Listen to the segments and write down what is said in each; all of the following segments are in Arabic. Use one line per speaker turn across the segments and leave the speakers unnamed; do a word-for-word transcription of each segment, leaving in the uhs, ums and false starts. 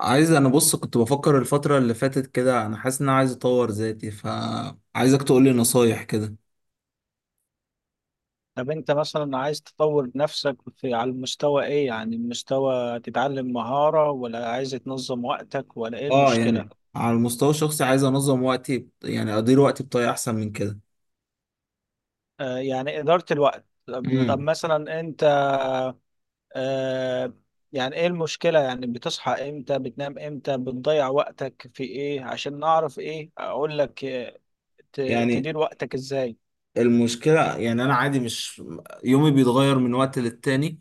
عايز انا بص، كنت بفكر الفترة اللي فاتت كده. انا حاسس ان انا عايز اطور ذاتي، فعايزك تقول لي نصايح كده.
طب انت مثلا عايز تطور نفسك في على المستوى ايه؟ يعني المستوى تتعلم مهارة، ولا عايز تنظم وقتك، ولا ايه
اه،
المشكلة؟
يعني على المستوى الشخصي عايز انظم وقتي، بط- يعني ادير وقتي بطريقة احسن من كده.
آه، يعني إدارة الوقت. طب طب
امم.
مثلا انت آه. يعني ايه المشكلة؟ يعني بتصحى امتى، بتنام امتى، بتضيع وقتك في ايه، عشان نعرف ايه اقول لك. آه، ت-
يعني
تدير وقتك ازاي؟
المشكلة، يعني انا عادي، مش يومي بيتغير من وقت للتاني.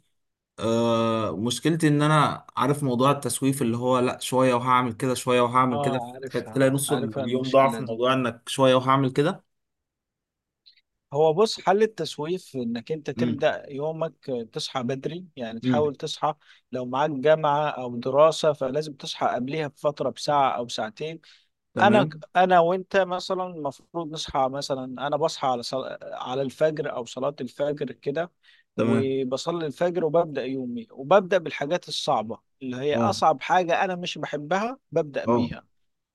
آه، مشكلتي ان انا عارف موضوع التسويف اللي هو لا، شوية وهعمل كده، شوية وهعمل كده.
اه، عارفها
تلاقي نص
عارفها
اليوم ضاع في
المشكلة دي.
موضوع انك شوية وهعمل كده.
هو بص، حل التسويف انك انت
امم.
تبدأ يومك، تصحى بدري يعني
امم.
تحاول تصحى. لو معاك جامعة او دراسة فلازم تصحى قبلها بفترة، بساعة او ساعتين. انا
تمام.
انا وانت مثلا المفروض نصحى، مثلا انا بصحى على صل... على الفجر او صلاة الفجر كده،
تمام.
وبصلي الفجر وببدأ يومي وببدأ بالحاجات الصعبة، اللي هي
اه.
اصعب حاجة انا مش بحبها ببدأ
اه.
بيها.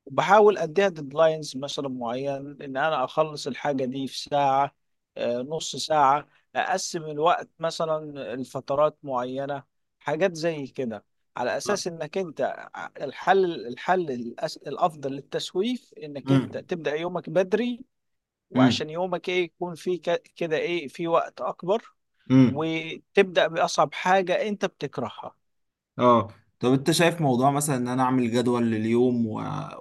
وبحاول اديها ديدلاينز مثلا معين، ان انا اخلص الحاجه دي في ساعه، آه، نص ساعه، اقسم الوقت مثلا لفترات معينه، حاجات زي كده، على اساس انك انت ع- الحل الحل الأس- الافضل للتسويف انك
امم.
انت تبدا يومك بدري،
امم.
وعشان يومك ايه يكون فيه ك- كده ايه في وقت اكبر،
امم.
وتبدا باصعب حاجه انت بتكرهها.
اه. طب انت شايف موضوع مثلا ان انا اعمل جدول لليوم و...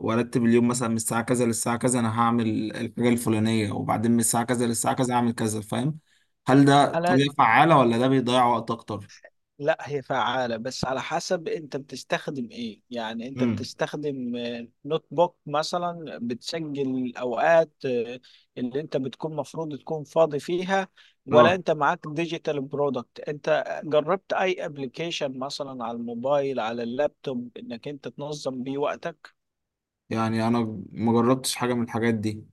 وارتب اليوم، مثلا من الساعه كذا للساعه كذا انا هعمل الحاجه الفلانيه، وبعدين من الساعه كذا للساعه كذا هعمل كذا، فاهم؟ هل ده
انا
طريقه فعاله ولا ده بيضيع وقت اكتر؟
لا، هي فعالة بس على حسب انت بتستخدم ايه. يعني انت
امم.
بتستخدم آه، نوت بوك مثلا بتسجل الاوقات آه، اللي انت بتكون مفروض تكون فاضي فيها، ولا
اه،
انت معاك ديجيتال برودكت؟ انت جربت اي ابلكيشن مثلا على الموبايل، على اللابتوب، انك انت تنظم بيه وقتك؟
يعني انا ما جربتش حاجه من الحاجات دي.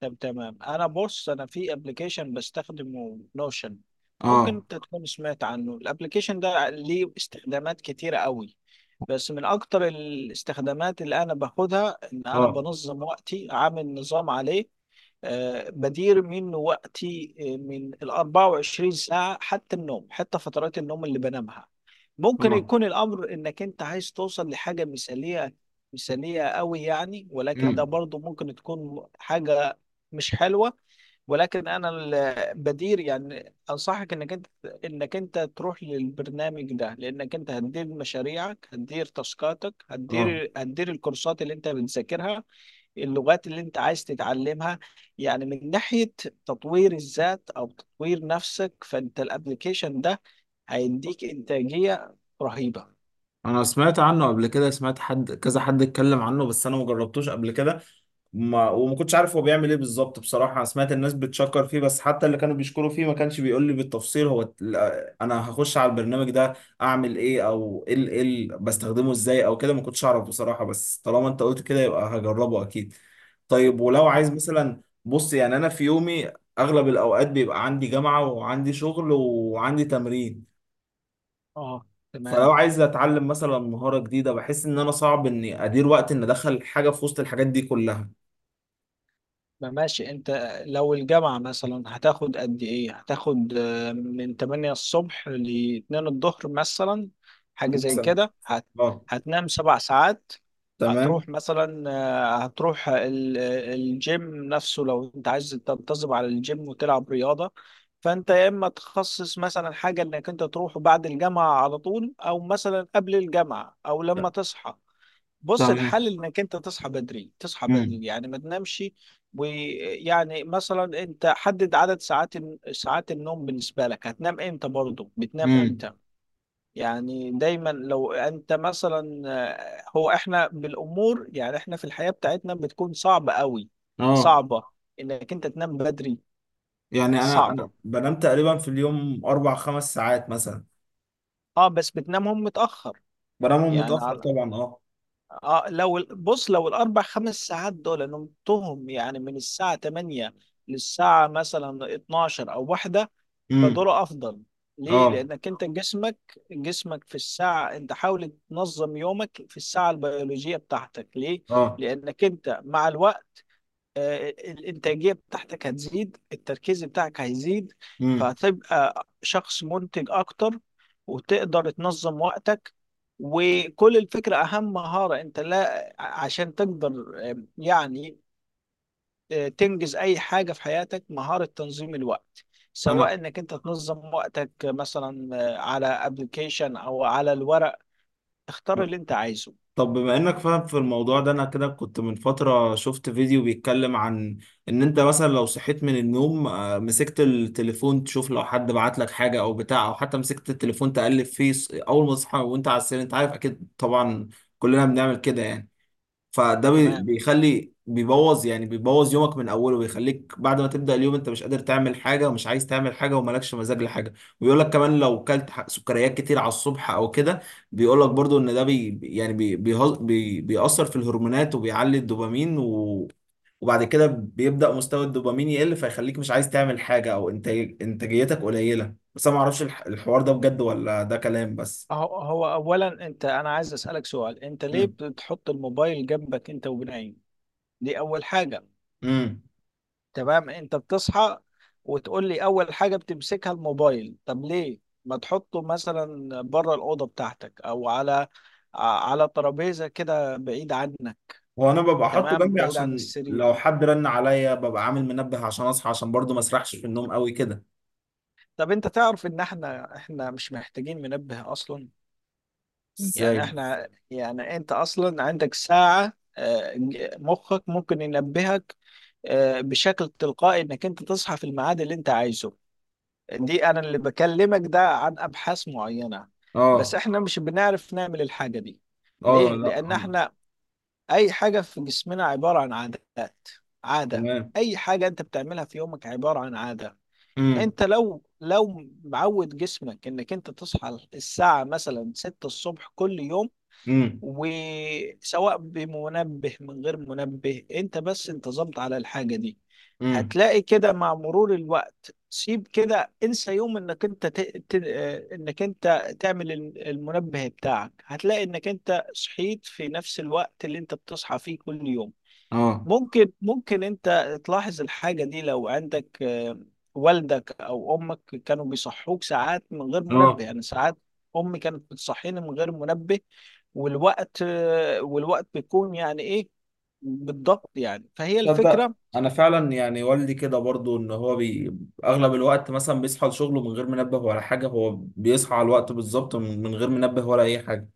طب تمام. انا بص، انا في ابلكيشن بستخدمه، نوشن. ممكن
اه.
انت تكون سمعت عنه. الابلكيشن ده ليه استخدامات كتيرة قوي، بس من اكتر الاستخدامات اللي انا باخدها ان انا
اه.
بنظم وقتي، عامل نظام عليه. آه، بدير من وقتي، آه، من ال أربعة وعشرين ساعة حتى النوم، حتى فترات النوم اللي بنامها. ممكن
اه.
يكون الأمر إنك أنت عايز توصل لحاجة مثالية، مثالية قوي يعني، ولكن ده
امم.
برضو ممكن تكون حاجة مش حلوة. ولكن أنا ال- بدير، يعني أنصحك إنك أنت إنك أنت تروح للبرنامج ده، لأنك أنت هتدير مشاريعك، هتدير تاسكاتك،
اه.
هتدير هتدير الكورسات اللي أنت بتذاكرها، اللغات اللي انت عايز تتعلمها، يعني من ناحية تطوير الذات أو تطوير نفسك. فأنت الابليكيشن ده هيديك إنتاجية رهيبة.
انا سمعت عنه قبل كده، سمعت حد كذا حد اتكلم عنه، بس انا ما جربتوش قبل كده. ما وما كنتش عارف هو بيعمل ايه بالظبط بصراحه. انا سمعت الناس بتشكر فيه، بس حتى اللي كانوا بيشكروا فيه ما كانش بيقول لي بالتفصيل. هو ت- لا، انا هخش على البرنامج ده اعمل ايه، او ايه ال- ايه ال- بستخدمه ازاي او كده. ما كنتش اعرف بصراحه، بس طالما انت قلت كده يبقى هجربه اكيد. طيب، ولو
اه،
عايز مثلا، بص يعني انا في يومي اغلب الاوقات بيبقى عندي جامعه وعندي شغل وعندي تمرين،
آه،
فلو
تمام.
عايز اتعلم مثلا مهاره جديده بحس ان انا صعب اني ادير وقت ان ادخل حاجه في وسط الحاجات دي كلها.
ما ماشي انت، لو الجامعة مثلا هتاخد قد ايه، هتاخد آه، من تمانية الصبح ل الثانية الظهر مثلا، حاجة زي
مثلا.
كده. هت...
اه.
هتنام سبع ساعات، هتروح
تمام.
مثلا، آه، هتروح ال... الجيم نفسه، لو انت عايز تنتظم على الجيم وتلعب رياضة، فانت يا اما تخصص مثلا حاجة انك انت تروح بعد الجامعة على طول، او مثلا قبل الجامعة، او لما تصحى. بص،
تمام.
الحل انك انت تصحى بدري، تصحى
امم.
بدري يعني ما تنامش. ويعني مثلا انت حدد عدد ساعات، ساعات النوم بالنسبه لك، هتنام امتى، برضه بتنام
امم.
امتى. يعني دايما لو انت مثلا، آه، هو احنا بالامور، يعني احنا في الحياه بتاعتنا بتكون صعبه قوي،
اه،
صعبه انك انت تنام بدري.
يعني انا
صعبه،
انا بنام تقريبا في اليوم اربع خمس ساعات مثلا.
اه، بس بتنامهم متاخر.
بنامهم
يعني
متاخر
على،
طبعا، اه.
اه، لو ال- بص، لو الاربع خمس ساعات دول نمتهم يعني من الساعه تمانية للساعه مثلا اتناشر او واحده،
امم.
فدول افضل. ليه؟
اه.
لانك انت جسمك، جسمك في الساعه، انت حاول تنظم يومك في الساعه البيولوجيه بتاعتك. ليه؟
اه.
لانك انت مع الوقت آه، الإنتاجية بتاعتك هتزيد، التركيز بتاعك هيزيد،
امم.
فهتبقى شخص منتج أكتر، وتقدر تنظم وقتك. وكل الفكرة، أهم مهارة أنت لا عشان تقدر، آه، يعني آه، تنجز أي حاجة في حياتك، مهارة تنظيم الوقت،
انا
سواء انك انت تنظم وقتك مثلا آه، على ابلكيشن او على الورق، اختار اللي انت عايزه.
طب بما انك فاهم في الموضوع ده، انا كده كنت من فترة شفت فيديو بيتكلم عن ان انت مثلا لو صحيت من النوم، آه، مسكت التليفون تشوف لو حد بعت لك حاجة او بتاع، او حتى مسكت التليفون تقلب فيه، ص- اول ما تصحى وانت على السرير، انت عارف اكيد طبعا، كلنا بنعمل كده يعني. فده بي-
تمام.
بيخلي بيبوظ يعني بيبوظ يومك من اوله، ويخليك بعد ما تبدأ اليوم انت مش قادر تعمل حاجه، ومش عايز تعمل حاجه، ومالكش مزاج لحاجه. ويقول لك كمان لو كلت ح- سكريات كتير على الصبح او كده، بيقول لك برضو ان ده بي يعني بي بيهز- بي بيأثر في الهرمونات وبيعلي الدوبامين، و وبعد كده بيبدأ مستوى الدوبامين يقل، فيخليك مش عايز تعمل حاجه، او انتاج انتاجيتك قليله. بس انا ما اعرفش الح- الحوار ده بجد ولا ده كلام بس.
هو هو اولا انت، انا عايز اسالك سؤال، انت ليه بتحط الموبايل جنبك انت وبنايم؟ دي اول حاجه.
امم.
تمام، انت بتصحى وتقول لي اول حاجه بتمسكها الموبايل، طب ليه ما تحطه مثلا بره الاوضه بتاعتك، او على على ترابيزه كده بعيد عنك؟
وانا ببقى حاطه
تمام،
جنبي
بعيد عن
عشان
السرير.
لو حد رن عليا، ببقى عامل منبه عشان اصحى، عشان برضو ما اسرحش في النوم قوي كده.
طب انت تعرف ان احنا احنا مش محتاجين منبه اصلا؟
ازاي؟
يعني احنا، يعني انت اصلا عندك ساعه، آه، مخك ممكن ينبهك آه، بشكل تلقائي انك انت تصحى في الميعاد اللي انت عايزه. دي انا اللي بكلمك ده عن ابحاث معينة. بس
اه.
احنا مش بنعرف نعمل الحاجة دي.
اه.
ليه؟
لا.
لان احنا اي حاجة في جسمنا عبارة عن عادات، عادة،
تمام.
اي حاجة انت بتعملها في يومك عبارة عن عادة.
امم.
انت لو لو معود جسمك انك انت تصحى الساعة مثلا ستة الصبح كل يوم،
امم.
وسواء بمنبه من غير منبه، انت بس انتظمت على الحاجة دي،
امم.
هتلاقي كده مع مرور الوقت، سيب كده، انسى يوم انك انت ت... ت... آه، انك انت تعمل ال- المنبه بتاعك، هتلاقي انك انت صحيت في نفس الوقت اللي انت بتصحى فيه كل يوم.
اه.
ممكن ممكن انت تلاحظ الحاجة دي لو عندك، آه، والدك او امك كانوا بيصحوك ساعات من غير منبه،
اه.
يعني ساعات. امي كانت بتصحيني من غير منبه، والوقت آه، والوقت بيكون يعني ايه بالضبط يعني، فهي
تصدق
الفكرة.
انا فعلا يعني والدي كده برضو ان هو بي... اغلب الوقت مثلا بيصحى لشغله من غير منبه ولا حاجه، هو بيصحى على الوقت بالظبط من من غير منبه ولا اي حاجه.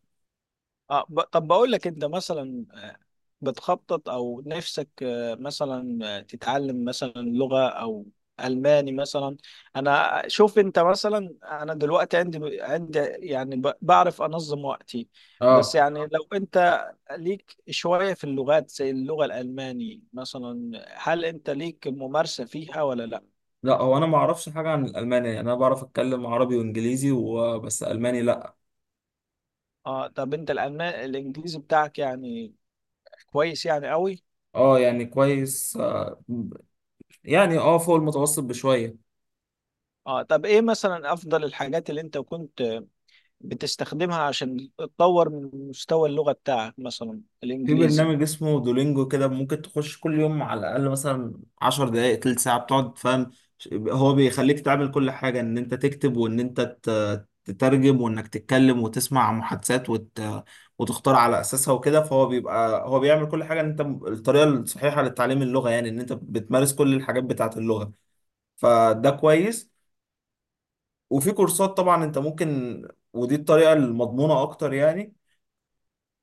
اه، ب... طب بقول لك، انت مثلا آه، بتخطط او نفسك آه، مثلا آه، تتعلم مثلا لغة، او الماني مثلا؟ انا شوف انت مثلا، انا دلوقتي عندي عندي يعني ب... بعرف انظم وقتي، بس
اه،
يعني لو انت ليك شوية في اللغات زي اللغة الالماني مثلا، هل انت ليك ممارسة فيها ولا لا؟
لا هو انا ما اعرفش حاجه عن الالماني، يعني انا بعرف اتكلم عربي وانجليزي وبس، الماني لا.
اه، طب انت الالماني، الانجليزي بتاعك يعني كويس يعني قوي؟
اه يعني كويس، آه، يعني اه فوق المتوسط بشوية.
اه، طب ايه مثلا افضل الحاجات اللي انت كنت بتستخدمها عشان تطور من مستوى اللغة بتاعك، مثلا
في
الإنجليزي؟
برنامج اسمه دولينجو كده، ممكن تخش كل يوم على الأقل مثلا عشر دقايق تلت ساعة بتقعد فاهم. هو بيخليك تعمل كل حاجة، إن أنت تكتب وإن أنت ت- تترجم وإنك تتكلم وتسمع محادثات وت... وتختار على أساسها وكده. فهو بيبقى، هو بيعمل كل حاجة، إن أنت الطريقة الصحيحة لتعليم اللغة، يعني إن أنت بتمارس كل الحاجات بتاعة اللغة. فده كويس. وفي كورسات طبعا انت ممكن، ودي الطريقه المضمونه اكتر يعني،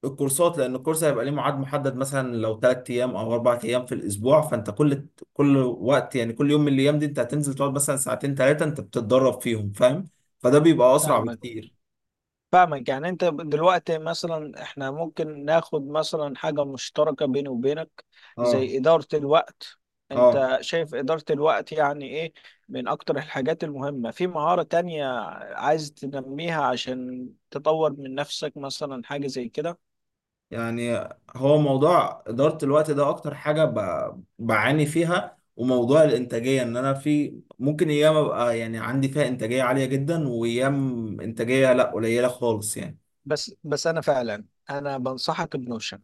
الكورسات، لان الكورس هيبقى ليه ميعاد محدد مثلا لو ثلاث ايام او اربع ايام في الاسبوع، فانت كل كل وقت يعني كل يوم من الايام دي انت هتنزل تقعد مثلا ساعتين ثلاثه انت بتتدرب فيهم فاهم. فده بيبقى اسرع
فاهمك،
بكتير.
فاهمك، يعني أنت دلوقتي مثلا، إحنا ممكن ناخد مثلا حاجة مشتركة بيني وبينك
اه.
زي إدارة الوقت.
اه،
أنت شايف إدارة الوقت يعني إيه، من أكتر الحاجات المهمة، في مهارة تانية عايز تنميها عشان تطور من نفسك، مثلا حاجة زي كده؟
يعني هو موضوع إدارة الوقت ده أكتر حاجة ب- بعاني فيها، وموضوع الإنتاجية، إن أنا في ممكن أيام أبقى يعني عندي فيها إنتاجية عالية جدا، وأيام إنتاجية لأ، قليلة خالص يعني.
بس بس، أنا فعلا أنا بنصحك بنوشن.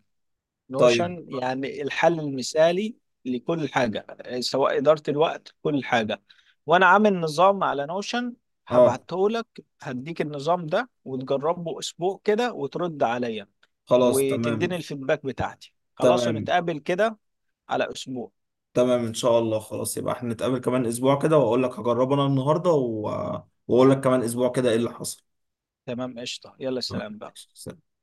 طيب.
نوشن يعني الحل المثالي لكل حاجة، آه، سواء إدارة الوقت، كل حاجة. وأنا عامل نظام على نوشن،
أه.
هبعته لك، هديك النظام ده وتجربه أسبوع كده وترد عليا،
خلاص
وتديني
تمام.
الفيدباك بتاعتي، خلاص،
تمام.
ونتقابل كده على أسبوع.
تمام إن شاء الله، خلاص يبقى إحنا نتقابل كمان أسبوع كده، وأقول لك هجربه أنا النهاردة و... وأقول لك كمان أسبوع كده إيه اللي حصل.
تمام، قشطة، يلا
آه،
سلام بقى.
ماشي.